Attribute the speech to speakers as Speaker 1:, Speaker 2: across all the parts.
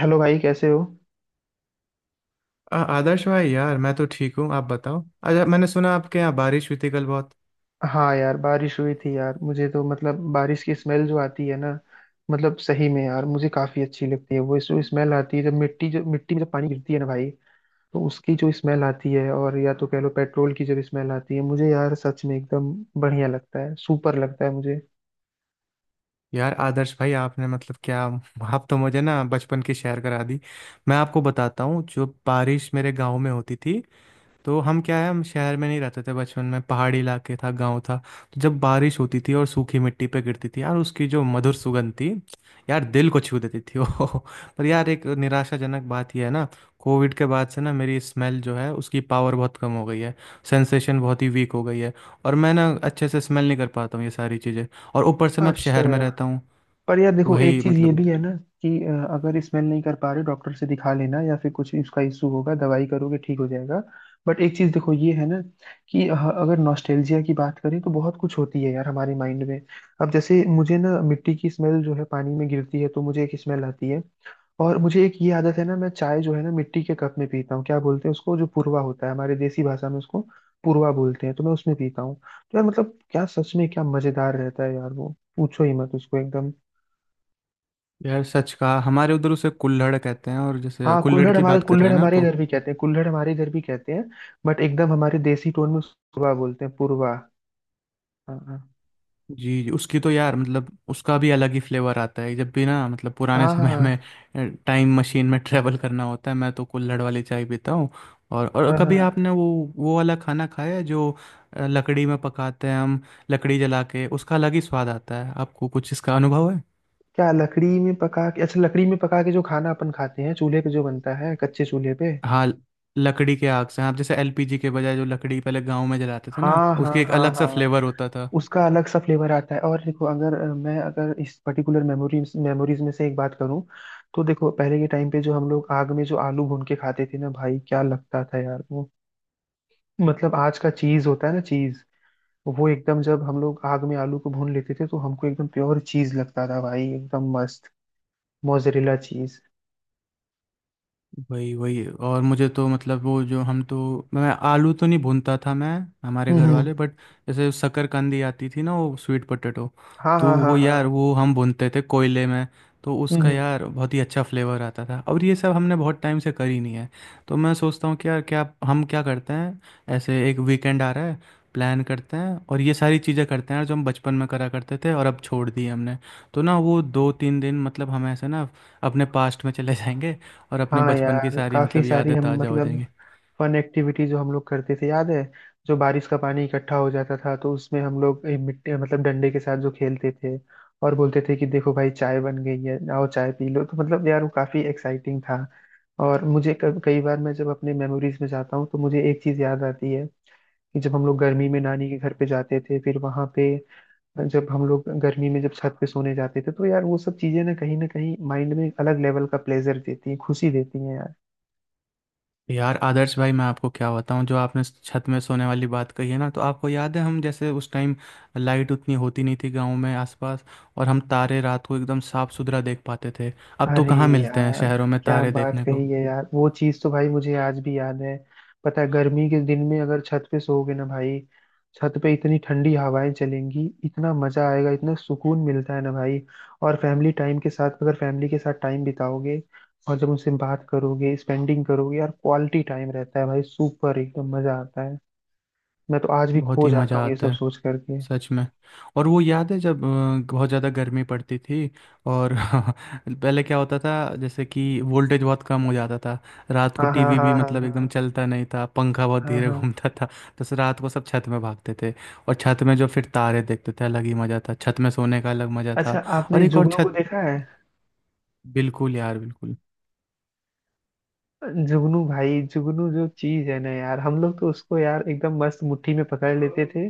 Speaker 1: Hello भाई, कैसे हो।
Speaker 2: आदर्श भाई, यार मैं तो ठीक हूँ। आप बताओ। अच्छा, मैंने सुना आपके यहाँ बारिश हुई थी कल बहुत।
Speaker 1: हाँ यार, बारिश हुई थी यार। मुझे तो मतलब बारिश की स्मेल जो आती है ना, मतलब सही में यार मुझे काफी अच्छी लगती है। वो जो स्मेल आती है जब मिट्टी में जब पानी गिरती है ना भाई, तो उसकी जो स्मेल आती है। और या तो कह लो पेट्रोल की जब स्मेल आती है, मुझे यार सच में एकदम बढ़िया लगता है, सुपर लगता है मुझे।
Speaker 2: यार आदर्श भाई, आपने मतलब क्या, आप तो मुझे ना बचपन की शेयर करा दी। मैं आपको बताता हूँ जो बारिश मेरे गांव में होती थी, तो हम क्या है, हम शहर में नहीं रहते थे बचपन में, पहाड़ी इलाके था, गांव था। तो जब बारिश होती थी और सूखी मिट्टी पे गिरती थी यार, उसकी जो मधुर सुगंध थी यार, दिल को छू देती थी वो। पर यार एक निराशाजनक बात यह है ना, कोविड के बाद से ना मेरी स्मेल जो है उसकी पावर बहुत कम हो गई है। सेंसेशन बहुत ही वीक हो गई है। और मैं ना अच्छे से स्मेल नहीं कर पाता हूँ ये सारी चीज़ें। और ऊपर से मैं अब
Speaker 1: अच्छा।
Speaker 2: शहर में रहता हूँ।
Speaker 1: पर यार देखो, एक
Speaker 2: वही,
Speaker 1: चीज ये
Speaker 2: मतलब।
Speaker 1: भी है ना कि अगर स्मेल नहीं कर पा रहे डॉक्टर से दिखा लेना, या फिर कुछ इसका इशू होगा दवाई करोगे ठीक हो जाएगा। बट एक चीज देखो ये है ना कि अगर नॉस्टैल्जिया की बात करें तो बहुत कुछ होती है यार हमारे माइंड में। अब जैसे मुझे ना मिट्टी की स्मेल जो है पानी में गिरती है तो मुझे एक स्मेल आती है। और मुझे एक ये आदत है ना, मैं चाय जो है ना मिट्टी के कप में पीता हूँ। क्या बोलते हैं उसको, जो पूर्वा होता है हमारे देसी भाषा में, उसको पूर्वा बोलते हैं। तो मैं उसमें पीता हूँ, तो यार मतलब क्या सच में क्या मजेदार रहता है यार, वो पूछो ही मत उसको एकदम।
Speaker 2: यार सच कहा, हमारे उधर उसे कुल्हड़ कहते हैं, और जैसे
Speaker 1: हाँ,
Speaker 2: कुल्हड़
Speaker 1: कुल्हड़
Speaker 2: की
Speaker 1: हमारे
Speaker 2: बात कर रहे
Speaker 1: कुल्हड़
Speaker 2: हैं ना
Speaker 1: हमारे
Speaker 2: आप।
Speaker 1: इधर भी कहते हैं, कुल्हड़ हमारे इधर भी कहते हैं। बट एकदम हमारे देसी टोन में पुरवा बोलते हैं, पुरवा। हाँ, हाँ।
Speaker 2: जी जी, उसकी तो यार मतलब उसका भी अलग ही फ्लेवर आता है, जब भी ना मतलब पुराने समय
Speaker 1: हाँ,
Speaker 2: में टाइम मशीन में ट्रेवल करना होता है, मैं तो कुल्हड़ वाली चाय पीता हूँ। और
Speaker 1: हाँ। हाँ।
Speaker 2: कभी
Speaker 1: हाँ।
Speaker 2: आपने वो वाला खाना खाया है जो लकड़ी में पकाते हैं हम। लकड़ी जला के उसका अलग ही स्वाद आता है। आपको कुछ इसका अनुभव है?
Speaker 1: क्या लकड़ी में पका के, अच्छा लकड़ी में पका के जो खाना अपन खाते हैं चूल्हे पे जो बनता है, कच्चे चूल्हे पे।
Speaker 2: हाँ। लकड़ी के आग से, आप जैसे एलपीजी के बजाय जो लकड़ी पहले गांव में जलाते थे ना,
Speaker 1: हाँ, हाँ,
Speaker 2: उसकी एक
Speaker 1: हाँ,
Speaker 2: अलग सा
Speaker 1: हाँ।
Speaker 2: फ्लेवर होता था।
Speaker 1: उसका अलग सा फ्लेवर आता है। और देखो अगर मैं अगर इस पर्टिकुलर मेमोरीज मेमोरीज में से एक बात करूं, तो देखो पहले के टाइम पे जो हम लोग आग में जो आलू भून के खाते थे ना भाई, क्या लगता था यार वो। मतलब आज का चीज होता है ना, चीज। वो एकदम जब हम लोग आग में आलू को भून लेते थे, तो हमको एकदम प्योर चीज लगता था भाई, एकदम मस्त मोजरेला चीज।
Speaker 2: वही वही। और मुझे तो मतलब वो जो हम तो, मैं आलू तो नहीं भूनता था मैं, हमारे
Speaker 1: हम्म
Speaker 2: घर
Speaker 1: हम्म,
Speaker 2: वाले। बट जैसे शकरकंदी आती थी ना, वो स्वीट पोटैटो,
Speaker 1: हाँ,
Speaker 2: तो
Speaker 1: हाँ,
Speaker 2: वो
Speaker 1: हाँ,
Speaker 2: यार
Speaker 1: हाँ।
Speaker 2: वो हम भूनते थे कोयले में। तो
Speaker 1: हम्म,
Speaker 2: उसका यार बहुत ही अच्छा फ्लेवर आता था, और ये सब हमने बहुत टाइम से करी नहीं है। तो मैं सोचता हूँ कि यार क्या, हम क्या करते हैं, ऐसे एक वीकेंड आ रहा है, प्लान करते हैं और ये सारी चीज़ें करते हैं यार, जो हम बचपन में करा करते थे और अब छोड़ दी हमने। तो ना वो 2-3 दिन मतलब हम ऐसे ना अपने पास्ट में चले जाएंगे, और अपने
Speaker 1: हाँ
Speaker 2: बचपन की
Speaker 1: यार,
Speaker 2: सारी
Speaker 1: काफी
Speaker 2: मतलब
Speaker 1: सारी
Speaker 2: यादें
Speaker 1: हम
Speaker 2: ताज़ा हो
Speaker 1: मतलब
Speaker 2: जाएंगी।
Speaker 1: फन एक्टिविटी जो हम लोग करते थे याद है। जो बारिश का पानी इकट्ठा हो जाता था तो उसमें हम लोग मिट्टी मतलब डंडे के साथ जो खेलते थे, और बोलते थे कि देखो भाई चाय बन गई है, आओ चाय पी लो। तो मतलब यार वो काफी एक्साइटिंग था। और मुझे कई बार मैं जब अपने मेमोरीज में जाता हूँ, तो मुझे एक चीज याद आती है कि जब हम लोग गर्मी में नानी के घर पे जाते थे, फिर वहां पे जब हम लोग गर्मी में जब छत पे सोने जाते थे, तो यार वो सब चीजें ना कहीं माइंड में एक अलग लेवल का प्लेजर देती हैं, खुशी देती हैं यार।
Speaker 2: यार आदर्श भाई, मैं आपको क्या बताऊं, जो आपने छत में सोने वाली बात कही है ना, तो आपको याद है हम जैसे उस टाइम लाइट उतनी होती नहीं थी गांव में आसपास, और हम तारे रात को एकदम साफ सुथरा देख पाते थे। अब तो
Speaker 1: अरे
Speaker 2: कहाँ मिलते हैं
Speaker 1: यार,
Speaker 2: शहरों में
Speaker 1: क्या
Speaker 2: तारे
Speaker 1: बात
Speaker 2: देखने को।
Speaker 1: कही है यार। वो चीज तो भाई मुझे आज भी याद है। पता है गर्मी के दिन में अगर छत पे सोओगे ना भाई, छत पे इतनी ठंडी हवाएं चलेंगी, इतना मजा आएगा, इतना सुकून मिलता है ना भाई। और फैमिली टाइम के साथ, अगर फैमिली के साथ टाइम बिताओगे और जब उनसे बात करोगे, स्पेंडिंग करोगे यार, क्वालिटी टाइम रहता है भाई, सुपर एकदम मजा आता है। मैं तो आज भी
Speaker 2: बहुत
Speaker 1: खो
Speaker 2: ही
Speaker 1: जाता
Speaker 2: मज़ा
Speaker 1: हूँ ये
Speaker 2: आता
Speaker 1: सब
Speaker 2: है,
Speaker 1: सोच करके।
Speaker 2: सच में। और वो याद है जब बहुत ज़्यादा गर्मी पड़ती थी, और पहले क्या होता था, जैसे कि वोल्टेज बहुत कम हो जाता था, रात को
Speaker 1: हाँ, हाँ,
Speaker 2: टीवी
Speaker 1: हाँ,
Speaker 2: भी
Speaker 1: हाँ,
Speaker 2: मतलब एकदम
Speaker 1: हाँ।
Speaker 2: चलता नहीं था, पंखा बहुत
Speaker 1: हाँ,
Speaker 2: धीरे
Speaker 1: हाँ, हाँ।
Speaker 2: घूमता था। तो से रात को सब छत में भागते थे, और छत में जो फिर तारे देखते थे, अलग ही मज़ा था, छत में सोने का अलग मज़ा
Speaker 1: अच्छा,
Speaker 2: था। और
Speaker 1: आपने
Speaker 2: एक और
Speaker 1: जुगनू को
Speaker 2: छत।
Speaker 1: देखा।
Speaker 2: बिल्कुल यार, बिल्कुल।
Speaker 1: जुगनू भाई, जुगनू जो चीज है ना यार, हम लोग तो उसको यार एकदम मस्त मुट्ठी में पकड़ लेते थे,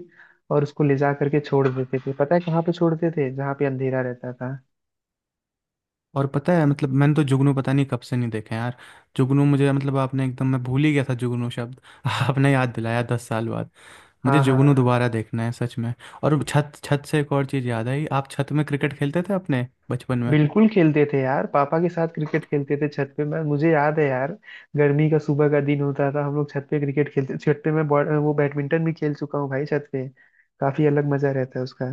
Speaker 1: और उसको ले जा करके छोड़ देते थे। पता है कहाँ पे छोड़ते थे? जहाँ पे अंधेरा रहता था।
Speaker 2: और पता है, मतलब मैंने तो जुगनू पता नहीं कब से नहीं देखे यार। जुगनू मुझे मतलब, आपने एकदम, मैं भूल ही गया था जुगनू शब्द, आपने याद दिलाया, 10 साल। मुझे
Speaker 1: हाँ, हाँ।
Speaker 2: जुगनू दोबारा देखना है सच में। और छत छत से एक और चीज़ याद आई। आप छत में क्रिकेट खेलते थे अपने बचपन में?
Speaker 1: बिल्कुल खेलते थे यार, पापा के साथ क्रिकेट खेलते थे छत पे, मैं मुझे याद है यार। गर्मी का सुबह का दिन होता था, हम लोग छत पे क्रिकेट खेलते छत पे, मैं वो बैडमिंटन भी खेल चुका हूँ भाई छत पे। काफी अलग मजा रहता है उसका।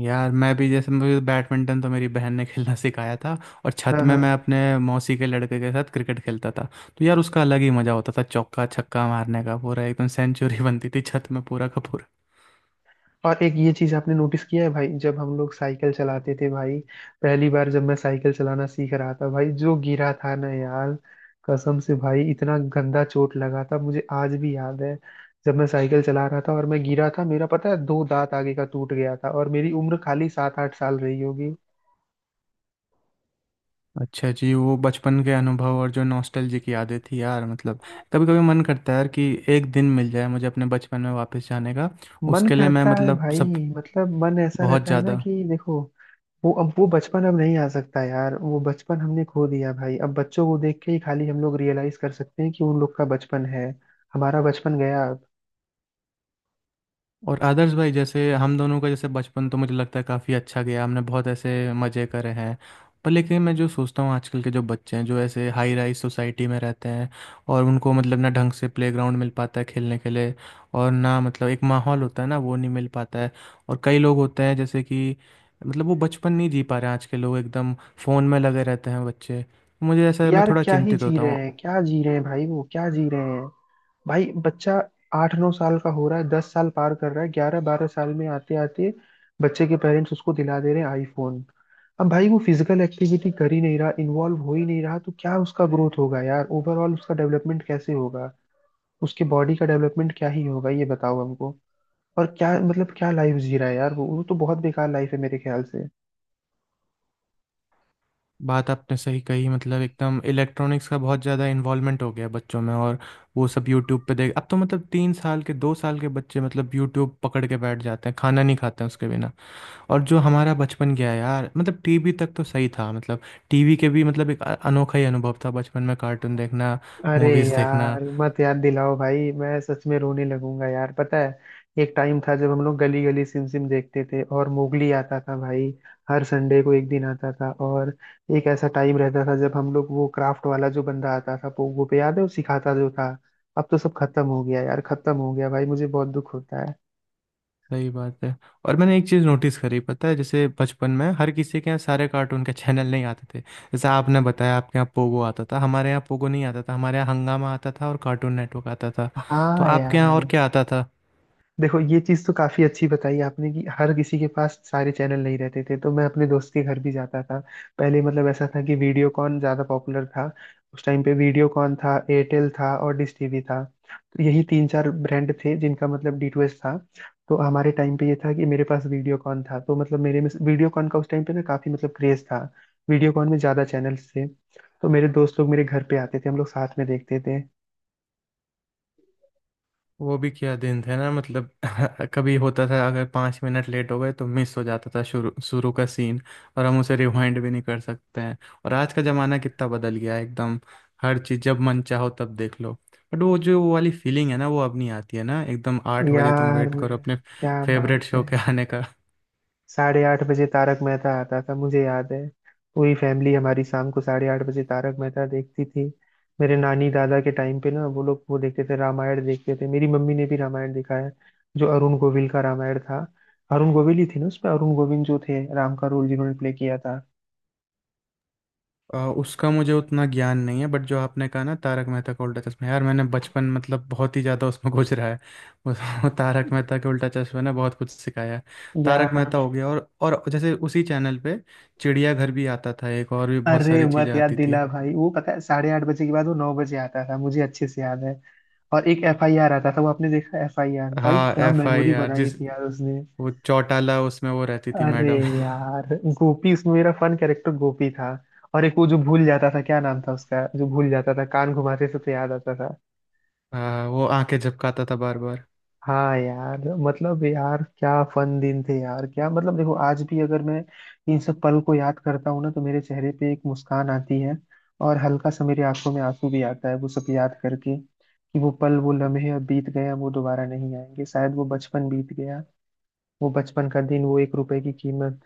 Speaker 2: यार मैं भी, जैसे मुझे बैडमिंटन तो मेरी बहन ने खेलना सिखाया था, और छत
Speaker 1: हाँ,
Speaker 2: में
Speaker 1: हाँ।
Speaker 2: मैं अपने मौसी के लड़के के साथ क्रिकेट खेलता था। तो यार उसका अलग ही मज़ा होता था, चौका छक्का मारने का, पूरा एकदम सेंचुरी बनती थी छत में, पूरा का पूरा।
Speaker 1: और एक ये चीज आपने नोटिस किया है भाई, जब हम लोग साइकिल चलाते थे भाई। पहली बार जब मैं साइकिल चलाना सीख रहा था भाई, जो गिरा था ना यार, कसम से भाई इतना गंदा चोट लगा था, मुझे आज भी याद है। जब मैं साइकिल चला रहा था और मैं गिरा था, मेरा पता है दो दांत आगे का टूट गया था, और मेरी उम्र खाली 7 8 साल रही होगी।
Speaker 2: अच्छा जी, वो बचपन के अनुभव और जो नॉस्टैल्जी की यादें थी यार, मतलब कभी कभी मन करता है यार कि एक दिन मिल जाए मुझे अपने बचपन में वापस जाने का।
Speaker 1: मन
Speaker 2: उसके लिए मैं
Speaker 1: करता है
Speaker 2: मतलब सब।
Speaker 1: भाई। मतलब मन ऐसा
Speaker 2: बहुत
Speaker 1: रहता है ना
Speaker 2: ज़्यादा।
Speaker 1: कि देखो, वो अब वो बचपन अब नहीं आ सकता यार, वो बचपन हमने खो दिया भाई। अब बच्चों को देख के ही खाली हम लोग रियलाइज कर सकते हैं कि उन लोग का बचपन है, हमारा बचपन गया अब।
Speaker 2: और आदर्श भाई, जैसे हम दोनों का जैसे बचपन, तो मुझे लगता है काफ़ी अच्छा गया, हमने बहुत ऐसे मज़े करे हैं। पर लेकिन मैं जो सोचता हूँ, आजकल के जो बच्चे हैं, जो ऐसे हाई राइज सोसाइटी में रहते हैं, और उनको मतलब ना ढंग से प्लेग्राउंड मिल पाता है खेलने के लिए, और ना मतलब एक माहौल होता है ना, वो नहीं मिल पाता है। और कई लोग होते हैं जैसे कि, मतलब वो बचपन नहीं जी पा रहे हैं आज के लोग, एकदम फ़ोन में लगे रहते हैं बच्चे। मुझे ऐसा, मैं
Speaker 1: यार
Speaker 2: थोड़ा
Speaker 1: क्या ही
Speaker 2: चिंतित
Speaker 1: जी
Speaker 2: होता
Speaker 1: रहे
Speaker 2: हूँ।
Speaker 1: हैं, क्या जी रहे हैं भाई, वो क्या जी रहे हैं। भाई बच्चा 8 9 साल का हो रहा है, 10 साल पार कर रहा है, 11 12 साल में आते आते बच्चे के पेरेंट्स उसको दिला दे रहे हैं आईफोन। अब भाई वो फिजिकल एक्टिविटी कर ही नहीं रहा, इन्वॉल्व हो ही नहीं रहा, तो क्या उसका ग्रोथ होगा यार, ओवरऑल उसका डेवलपमेंट कैसे होगा? उसके बॉडी का डेवलपमेंट क्या ही होगा, ये बताओ हमको। और क्या मतलब क्या लाइफ जी रहा है यार वो तो बहुत बेकार लाइफ है मेरे ख्याल से।
Speaker 2: बात आपने सही कही, मतलब एकदम इलेक्ट्रॉनिक्स का बहुत ज़्यादा इन्वॉल्वमेंट हो गया है बच्चों में, और वो सब यूट्यूब पे देख। अब तो मतलब 3 साल के, 2 साल के बच्चे मतलब यूट्यूब पकड़ के बैठ जाते हैं, खाना नहीं खाते हैं उसके बिना। और जो हमारा बचपन गया है यार, मतलब टीवी तक तो सही था, मतलब टीवी के भी मतलब एक अनोखा ही अनुभव था बचपन में, कार्टून देखना,
Speaker 1: अरे
Speaker 2: मूवीज़ देखना।
Speaker 1: यार मत याद दिलाओ भाई, मैं सच में रोने लगूंगा यार। पता है, एक टाइम था जब हम लोग गली गली सिम सिम देखते थे, और मोगली आता था भाई, हर संडे को एक दिन आता था। और एक ऐसा टाइम रहता था जब हम लोग वो क्राफ्ट वाला जो बंदा आता था पोगो पे, याद है वो सिखाता जो था। अब तो सब खत्म हो गया यार, खत्म हो गया भाई, मुझे बहुत दुख होता है।
Speaker 2: सही बात है। और मैंने एक चीज़ नोटिस करी, पता है, जैसे बचपन में हर किसी के यहाँ सारे कार्टून के चैनल नहीं आते थे, जैसे आपने बताया आपके यहाँ पोगो आता था, हमारे यहाँ पोगो नहीं आता था, हमारे यहाँ हंगामा आता था और कार्टून नेटवर्क आता था। तो
Speaker 1: हाँ
Speaker 2: आपके यहाँ और
Speaker 1: यार।
Speaker 2: क्या आता था?
Speaker 1: देखो ये चीज तो काफी अच्छी बताई आपने कि हर किसी के पास सारे चैनल नहीं रहते थे, तो मैं अपने दोस्त के घर भी जाता था। पहले मतलब ऐसा था कि वीडियोकॉन ज्यादा पॉपुलर था। उस टाइम पे वीडियोकॉन था, एयरटेल था, और डिश टीवी था। तो यही 3 4 ब्रांड थे जिनका मतलब DTH था। तो हमारे टाइम पे ये था कि मेरे पास वीडियोकॉन था, तो मतलब मेरे में वीडियोकॉन का उस टाइम पे ना काफी मतलब क्रेज था, वीडियोकॉन में ज्यादा चैनल्स थे। तो मेरे दोस्त लोग मेरे घर पे आते थे, हम लोग साथ में देखते थे।
Speaker 2: वो भी क्या दिन थे ना मतलब। कभी होता था अगर 5 मिनट लेट हो गए तो मिस हो जाता था शुरू शुरू का सीन, और हम उसे रिवाइंड भी नहीं कर सकते हैं। और आज का ज़माना कितना बदल गया है एकदम, हर चीज़ जब मन चाहो तब देख लो। बट वो जो वो वाली फीलिंग है ना वो अब नहीं आती है ना, एकदम 8 बजे तुम
Speaker 1: यार
Speaker 2: वेट करो अपने
Speaker 1: क्या बात
Speaker 2: फेवरेट शो
Speaker 1: है।
Speaker 2: के आने का।
Speaker 1: साढ़े आठ बजे तारक मेहता आता था, मुझे याद है। पूरी फैमिली हमारी शाम को 8:30 बजे तारक मेहता देखती थी। मेरे नानी दादा के टाइम पे ना वो लोग वो देखते थे, रामायण देखते थे। मेरी मम्मी ने भी रामायण देखा है, जो अरुण गोविल का रामायण था। अरुण गोविल ही थे ना उसमें, अरुण गोविंद जो थे, राम का रोल जिन्होंने प्ले किया था।
Speaker 2: उसका मुझे उतना ज्ञान नहीं है, बट जो आपने कहा ना तारक मेहता का उल्टा चश्मा, यार मैंने बचपन, मतलब बहुत ही ज़्यादा उसमें घुस रहा है, उस, वो तारक मेहता के उल्टा चश्मा ने बहुत कुछ सिखाया है। तारक
Speaker 1: यार
Speaker 2: मेहता हो गया, और जैसे उसी चैनल पे चिड़ियाघर भी आता था, एक और भी बहुत
Speaker 1: अरे
Speaker 2: सारी चीज़ें
Speaker 1: मत याद
Speaker 2: आती थी।
Speaker 1: दिला भाई, वो पता है 8:30 बजे के बाद वो 9 बजे आता था, मुझे अच्छे से याद है। और एक FIR आता था, वो आपने देखा FIR भाई,
Speaker 2: हाँ
Speaker 1: क्या
Speaker 2: एफ आई
Speaker 1: मेमोरी
Speaker 2: आर,
Speaker 1: बनाई
Speaker 2: जिस,
Speaker 1: थी यार उसने।
Speaker 2: वो चौटाला उसमें वो रहती थी
Speaker 1: अरे
Speaker 2: मैडम।
Speaker 1: यार, गोपी, उसमें मेरा फन कैरेक्टर गोपी था। और एक वो जो भूल जाता था, क्या नाम था उसका, जो भूल जाता था कान घुमाते से तो याद आता था।
Speaker 2: हाँ वो आंखें झपकाता था बार बार।
Speaker 1: हाँ यार, मतलब यार क्या फन दिन थे यार। क्या मतलब देखो, आज भी अगर मैं इन सब पल को याद करता हूँ ना, तो मेरे चेहरे पे एक मुस्कान आती है, और हल्का सा मेरी आंखों में आंसू भी आता है वो सब याद करके, कि वो पल वो लम्हे अब बीत गए, अब वो दोबारा नहीं आएंगे, शायद वो बचपन बीत गया। वो बचपन का दिन वो 1 रुपए की कीमत।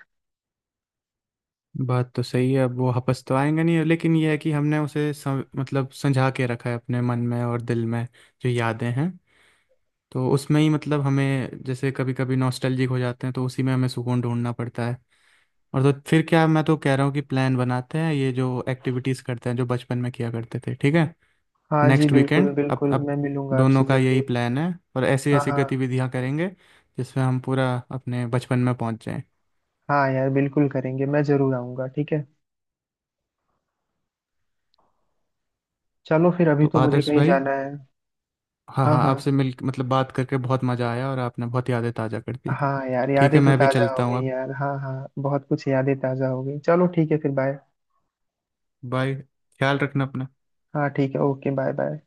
Speaker 2: बात तो सही है, अब वो हपस तो आएंगे नहीं, लेकिन ये है कि हमने उसे मतलब संजा के रखा है अपने मन में और दिल में, जो यादें हैं, तो उसमें ही मतलब हमें जैसे कभी कभी नॉस्टैल्जिक हो जाते हैं तो उसी में हमें सुकून ढूंढना पड़ता है। और तो फिर क्या, मैं तो कह रहा हूँ कि प्लान बनाते हैं, ये जो एक्टिविटीज़ करते हैं जो बचपन में किया करते थे, ठीक है?
Speaker 1: हाँ जी,
Speaker 2: नेक्स्ट
Speaker 1: बिल्कुल,
Speaker 2: वीकेंड, अब
Speaker 1: बिल्कुल,
Speaker 2: अब
Speaker 1: मैं मिलूंगा
Speaker 2: दोनों
Speaker 1: आपसे
Speaker 2: का यही
Speaker 1: जल्दी।
Speaker 2: प्लान है, और ऐसी
Speaker 1: हाँ,
Speaker 2: ऐसी
Speaker 1: हाँ।
Speaker 2: गतिविधियाँ करेंगे जिसमें हम पूरा अपने बचपन में पहुँच जाएं।
Speaker 1: हाँ यार बिल्कुल करेंगे, मैं जरूर आऊंगा, ठीक है। चलो फिर, अभी
Speaker 2: तो
Speaker 1: तो मुझे
Speaker 2: आदर्श
Speaker 1: कहीं
Speaker 2: भाई,
Speaker 1: जाना है।
Speaker 2: हाँ
Speaker 1: हाँ,
Speaker 2: हाँ,
Speaker 1: हाँ।
Speaker 2: आपसे मिल मतलब बात करके बहुत मज़ा आया, और आपने बहुत यादें ताज़ा कर दी।
Speaker 1: हाँ यार,
Speaker 2: ठीक
Speaker 1: यादें
Speaker 2: है,
Speaker 1: तो
Speaker 2: मैं भी
Speaker 1: ताज़ा हो
Speaker 2: चलता हूँ
Speaker 1: गई
Speaker 2: अब।
Speaker 1: यार, हाँ हाँ बहुत कुछ यादें ताज़ा हो गई। चलो ठीक है फिर, बाय।
Speaker 2: बाय। ख्याल रखना अपना।
Speaker 1: हाँ ठीक है, ओके बाय बाय।